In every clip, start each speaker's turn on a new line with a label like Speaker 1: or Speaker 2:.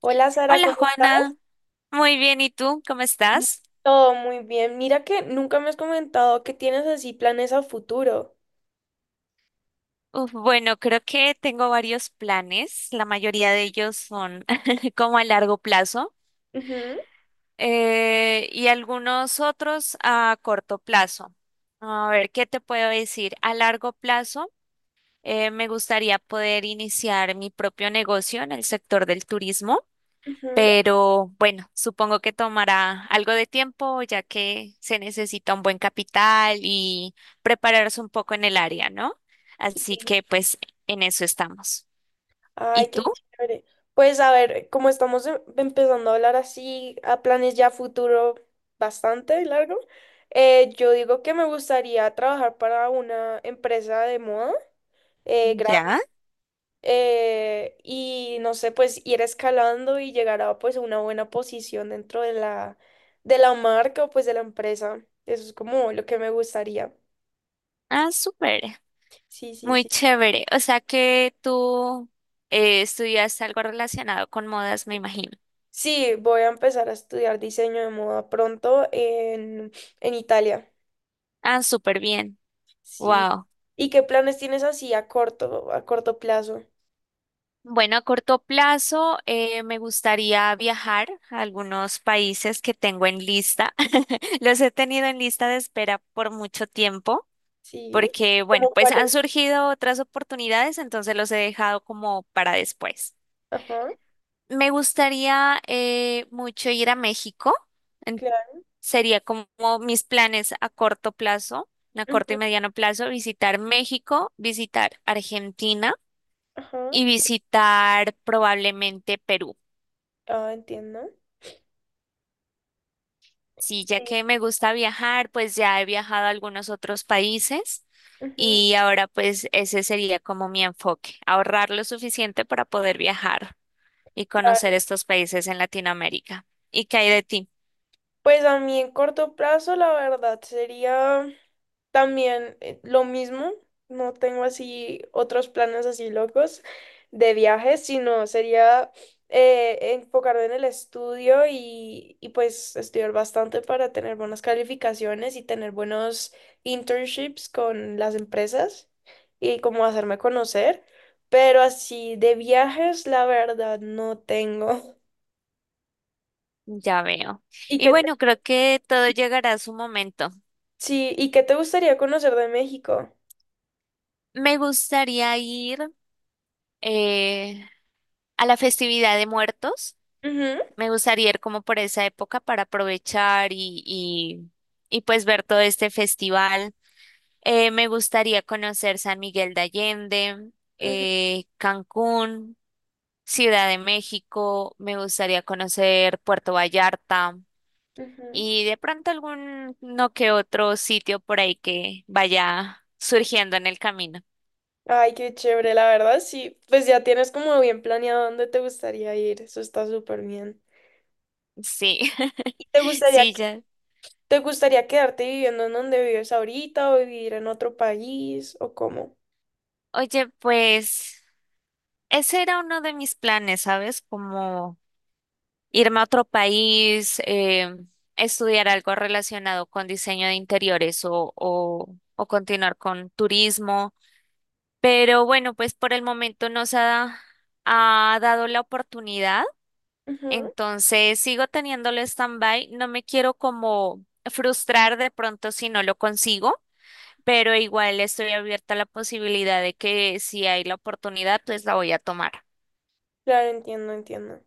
Speaker 1: Hola Sara,
Speaker 2: Hola
Speaker 1: ¿cómo estás?
Speaker 2: Juana, muy bien, ¿y tú? ¿Cómo estás?
Speaker 1: Todo muy bien. Mira que nunca me has comentado que tienes así planes a futuro.
Speaker 2: Uf, bueno, creo que tengo varios planes, la mayoría de ellos son como a largo plazo
Speaker 1: Ujú,
Speaker 2: y algunos otros a corto plazo. A ver, ¿qué te puedo decir? A largo plazo me gustaría poder iniciar mi propio negocio en el sector del turismo.
Speaker 1: ujú.
Speaker 2: Pero bueno, supongo que tomará algo de tiempo, ya que se necesita un buen capital y prepararse un poco en el área, ¿no?
Speaker 1: Sí.
Speaker 2: Así que pues en eso estamos. ¿Y
Speaker 1: Ay, qué
Speaker 2: tú?
Speaker 1: chévere. Pues a ver, como estamos empezando a hablar así a planes ya a futuro bastante largo, yo digo que me gustaría trabajar para una empresa de moda, eh,
Speaker 2: ¿Ya?
Speaker 1: y no sé, pues ir escalando y llegar a pues una buena posición dentro de de la marca o pues de la empresa. Eso es como lo que me gustaría.
Speaker 2: Ah, súper.
Speaker 1: Sí, sí,
Speaker 2: Muy
Speaker 1: sí.
Speaker 2: chévere. O sea que tú estudias algo relacionado con modas, me imagino.
Speaker 1: Sí, voy a empezar a estudiar diseño de moda pronto en Italia.
Speaker 2: Ah, súper bien.
Speaker 1: Sí.
Speaker 2: Wow.
Speaker 1: ¿Y qué planes tienes así a a corto plazo?
Speaker 2: Bueno, a corto plazo me gustaría viajar a algunos países que tengo en lista. Los he tenido en lista de espera por mucho tiempo,
Speaker 1: Sí.
Speaker 2: porque bueno,
Speaker 1: ¿Cómo
Speaker 2: pues
Speaker 1: cuáles?
Speaker 2: han surgido otras oportunidades, entonces los he dejado como para después.
Speaker 1: Ajá,
Speaker 2: Me gustaría mucho ir a México. en-
Speaker 1: claro.
Speaker 2: Sería como mis planes a corto plazo, a corto
Speaker 1: Ujú,
Speaker 2: y mediano plazo, visitar México, visitar Argentina
Speaker 1: ajá.
Speaker 2: y visitar probablemente Perú.
Speaker 1: Ah, entiendo.
Speaker 2: Sí, ya
Speaker 1: Sí.
Speaker 2: que me gusta viajar, pues ya he viajado a algunos otros países
Speaker 1: Ujú,
Speaker 2: y ahora pues ese sería como mi enfoque, ahorrar lo suficiente para poder viajar y
Speaker 1: claro.
Speaker 2: conocer estos países en Latinoamérica. ¿Y qué hay de ti?
Speaker 1: Pues a mí en corto plazo, la verdad, sería también lo mismo. No tengo así otros planes así locos de viajes, sino sería enfocarme en el estudio y pues estudiar bastante para tener buenas calificaciones y tener buenos internships con las empresas y como hacerme conocer. Pero así de viajes, la verdad, no tengo.
Speaker 2: Ya veo.
Speaker 1: ¿Y
Speaker 2: Y
Speaker 1: qué te-
Speaker 2: bueno, creo que todo llegará a su momento.
Speaker 1: sí, ¿y qué te gustaría conocer de México?
Speaker 2: Me gustaría ir eh, a la festividad de muertos.
Speaker 1: Ujú,
Speaker 2: Me gustaría ir como por esa época para aprovechar y pues ver todo este festival. Me gustaría conocer San Miguel de Allende,
Speaker 1: ujú,
Speaker 2: Cancún, Ciudad de México, me gustaría conocer Puerto Vallarta
Speaker 1: ujú.
Speaker 2: y de pronto algún no que otro sitio por ahí que vaya surgiendo en el camino.
Speaker 1: Ay, qué chévere, la verdad, sí. Pues ya tienes como bien planeado dónde te gustaría ir. Eso está súper bien.
Speaker 2: Sí,
Speaker 1: ¿Y te gustaría,
Speaker 2: sí,
Speaker 1: que-
Speaker 2: ya.
Speaker 1: te gustaría quedarte viviendo en donde vives ahorita o vivir en otro país o cómo?
Speaker 2: Oye, pues ese era uno de mis planes, ¿sabes? Como irme a otro país, estudiar algo relacionado con diseño de interiores o continuar con turismo. Pero bueno, pues por el momento ha dado la oportunidad,
Speaker 1: Ujú,
Speaker 2: entonces sigo teniéndolo stand-by, no me quiero como frustrar de pronto si no lo consigo. Pero igual estoy abierta a la posibilidad de que si hay la oportunidad, pues la voy a tomar.
Speaker 1: claro, entiendo, entiendo.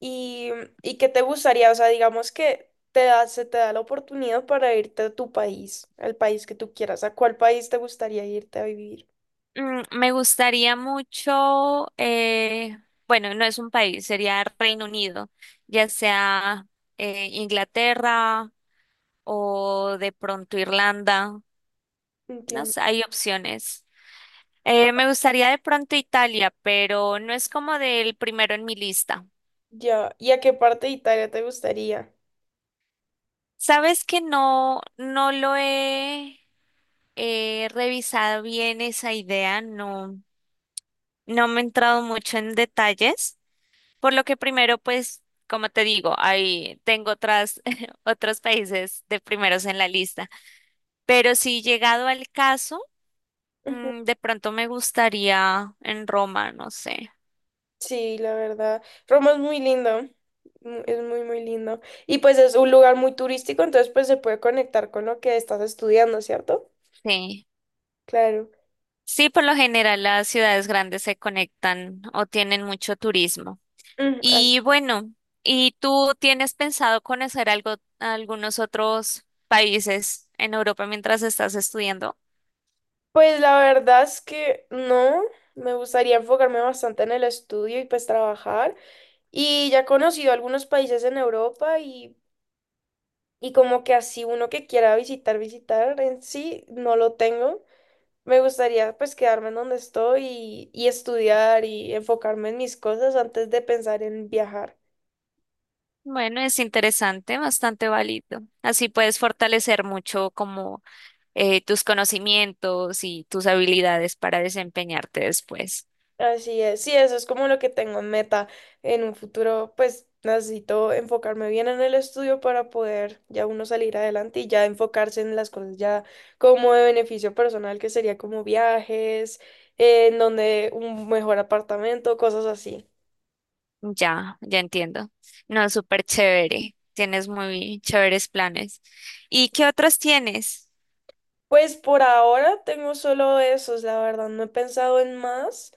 Speaker 1: ¿Y, y qué te gustaría? O sea, digamos que te se te da la oportunidad para irte a tu país, al país que tú quieras. ¿A cuál país te gustaría irte a vivir?
Speaker 2: Mm, me gustaría mucho, bueno, no es un país, sería Reino Unido, ya sea Inglaterra o de pronto Irlanda, no
Speaker 1: Entiendo.
Speaker 2: sé, hay opciones.
Speaker 1: Ah,
Speaker 2: Me gustaría de pronto Italia, pero no es como del primero en mi lista.
Speaker 1: ya. ¿Y a qué parte de Italia te gustaría?
Speaker 2: Sabes que no lo he revisado bien esa idea, no, no me he entrado mucho en detalles. Por lo que primero, pues, como te digo, ahí tengo otras, otros países de primeros en la lista. Pero si llegado al caso, mm, de pronto me gustaría en Roma, no sé.
Speaker 1: Sí, la verdad. Roma es muy lindo, es muy, muy lindo. Y pues es un lugar muy turístico, entonces pues se puede conectar con lo que estás estudiando, ¿cierto?
Speaker 2: Sí.
Speaker 1: Claro.
Speaker 2: Sí, por lo general las ciudades grandes se conectan o tienen mucho turismo.
Speaker 1: Mm, as-
Speaker 2: Y bueno, ¿y tú tienes pensado conocer algo, algunos otros países en Europa mientras estás estudiando?
Speaker 1: Pues la verdad es que no, me gustaría enfocarme bastante en el estudio y pues trabajar. Y ya he conocido algunos países en Europa y como que así uno que quiera visitar en sí, no lo tengo. Me gustaría pues quedarme en donde estoy y estudiar y enfocarme en mis cosas antes de pensar en viajar.
Speaker 2: Bueno, es interesante, bastante válido. Así puedes fortalecer mucho como tus conocimientos y tus habilidades para desempeñarte después.
Speaker 1: Así es, sí, eso es como lo que tengo en meta. En un futuro pues necesito enfocarme bien en el estudio para poder ya uno salir adelante y ya enfocarse en las cosas ya como de beneficio personal, que sería como viajes, en donde un mejor apartamento, cosas así.
Speaker 2: Ya entiendo. No, súper chévere. Tienes muy chéveres planes. ¿Y qué otros tienes?
Speaker 1: Pues por ahora tengo solo esos, la verdad, no he pensado en más.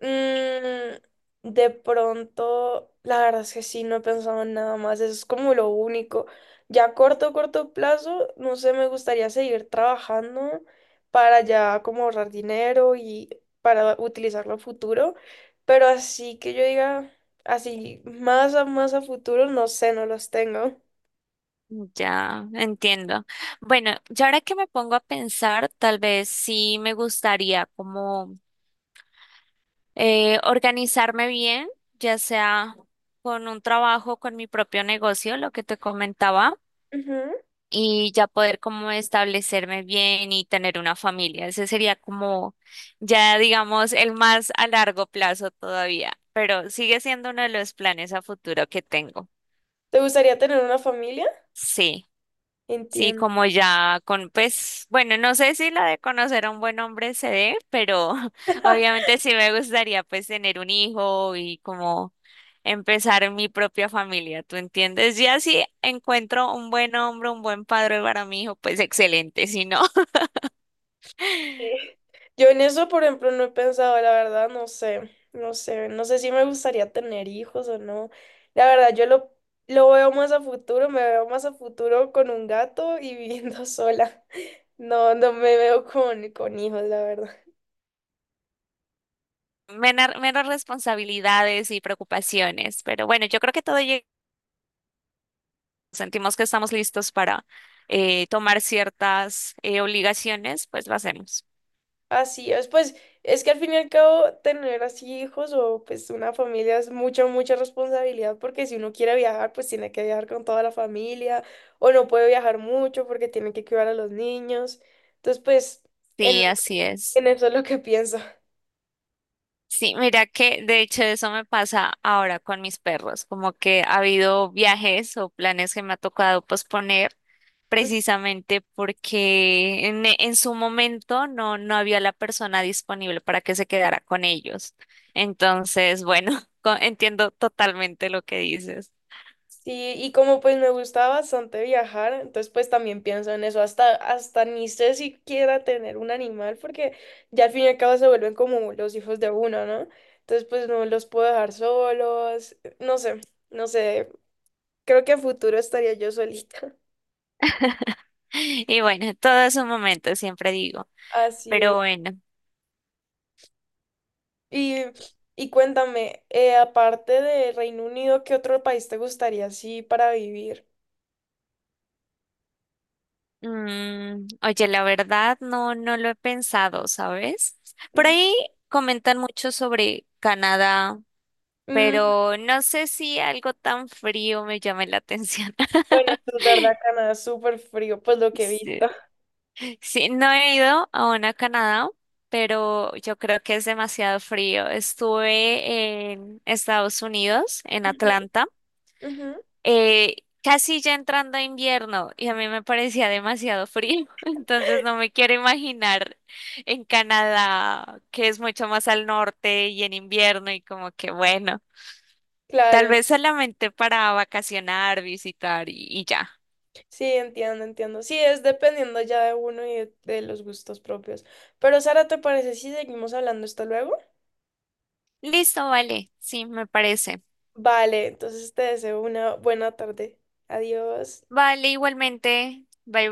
Speaker 1: Mm, de pronto, la verdad es que sí, no he pensado en nada más, eso es como lo único. Ya a corto plazo, no sé, me gustaría seguir trabajando para ya como ahorrar dinero y para utilizarlo a futuro, pero así que yo diga, así más a más a futuro, no sé, no los tengo.
Speaker 2: Ya, entiendo. Bueno, ya ahora que me pongo a pensar, tal vez sí me gustaría como organizarme bien, ya sea con un trabajo, con mi propio negocio, lo que te comentaba,
Speaker 1: Ujú.
Speaker 2: y ya poder como establecerme bien y tener una familia. Ese sería como ya, digamos, el más a largo plazo todavía, pero sigue siendo uno de los planes a futuro que tengo.
Speaker 1: ¿Te gustaría tener una familia?
Speaker 2: Sí. Sí,
Speaker 1: Entiendo.
Speaker 2: como ya con, pues, bueno, no sé si la de conocer a un buen hombre se dé, pero obviamente sí me gustaría pues tener un hijo y como empezar mi propia familia, ¿tú entiendes? Ya si encuentro un buen hombre, un buen padre para mi hijo, pues excelente, si no,
Speaker 1: Eh, Yo en eso, por ejemplo, no he pensado, la verdad, no sé, no sé si me gustaría tener hijos o no. La verdad, lo veo más a futuro, me veo más a futuro con un gato y viviendo sola. No, no me veo con hijos, la verdad.
Speaker 2: menos responsabilidades y preocupaciones. Pero bueno, yo creo que todo llega, sentimos que estamos listos para tomar ciertas obligaciones, pues lo hacemos.
Speaker 1: Así es, pues es que al fin y al cabo tener así hijos o pues una familia es mucha responsabilidad porque si uno quiere viajar pues tiene que viajar con toda la familia o no puede viajar mucho porque tiene que cuidar a los niños. Entonces pues en,
Speaker 2: Sí, así es.
Speaker 1: en eso es lo que pienso.
Speaker 2: Sí, mira que de hecho eso me pasa ahora con mis perros, como que ha habido viajes o planes que me ha tocado posponer, precisamente porque en su momento no, no había la persona disponible para que se quedara con ellos. Entonces, bueno, entiendo totalmente lo que dices.
Speaker 1: Sí, y como pues me gusta bastante viajar, entonces pues también pienso en eso, hasta ni sé si quiera tener un animal, porque ya al fin y al cabo se vuelven como los hijos de uno, ¿no? Entonces pues no los puedo dejar solos, no sé, no sé, creo que a futuro estaría yo solita.
Speaker 2: Y bueno, todo es un momento, siempre digo.
Speaker 1: Así es.
Speaker 2: Pero bueno,
Speaker 1: Y, y cuéntame, aparte de Reino Unido, ¿qué otro país te gustaría así para vivir?
Speaker 2: mm, oye, la verdad no, no lo he pensado, ¿sabes? Por
Speaker 1: Ujú.
Speaker 2: ahí comentan mucho sobre Canadá,
Speaker 1: Mm,
Speaker 2: pero no sé si algo tan frío me llame la atención.
Speaker 1: bueno, eso es verdad, Canadá es súper frío, pues lo que he
Speaker 2: Sí,
Speaker 1: visto.
Speaker 2: sí, no he ido aún a Canadá, pero yo creo que es demasiado frío. Estuve en Estados Unidos, en Atlanta.
Speaker 1: Ujú,
Speaker 2: eh, Casi ya entrando a invierno y a mí me parecía demasiado frío, entonces no me quiero imaginar en Canadá, que es mucho más al norte y en invierno y como que bueno,
Speaker 1: Claro,
Speaker 2: tal
Speaker 1: en-
Speaker 2: vez solamente para vacacionar, visitar y ya.
Speaker 1: sí, entiendo, entiendo. Sí, es dependiendo ya de uno y de los gustos propios. Pero Sara, ¿te parece si seguimos hablando esto luego?
Speaker 2: Listo, vale, sí, me parece.
Speaker 1: Vale, entonces te deseo una buena tarde. Adiós.
Speaker 2: Vale, igualmente, bye bye.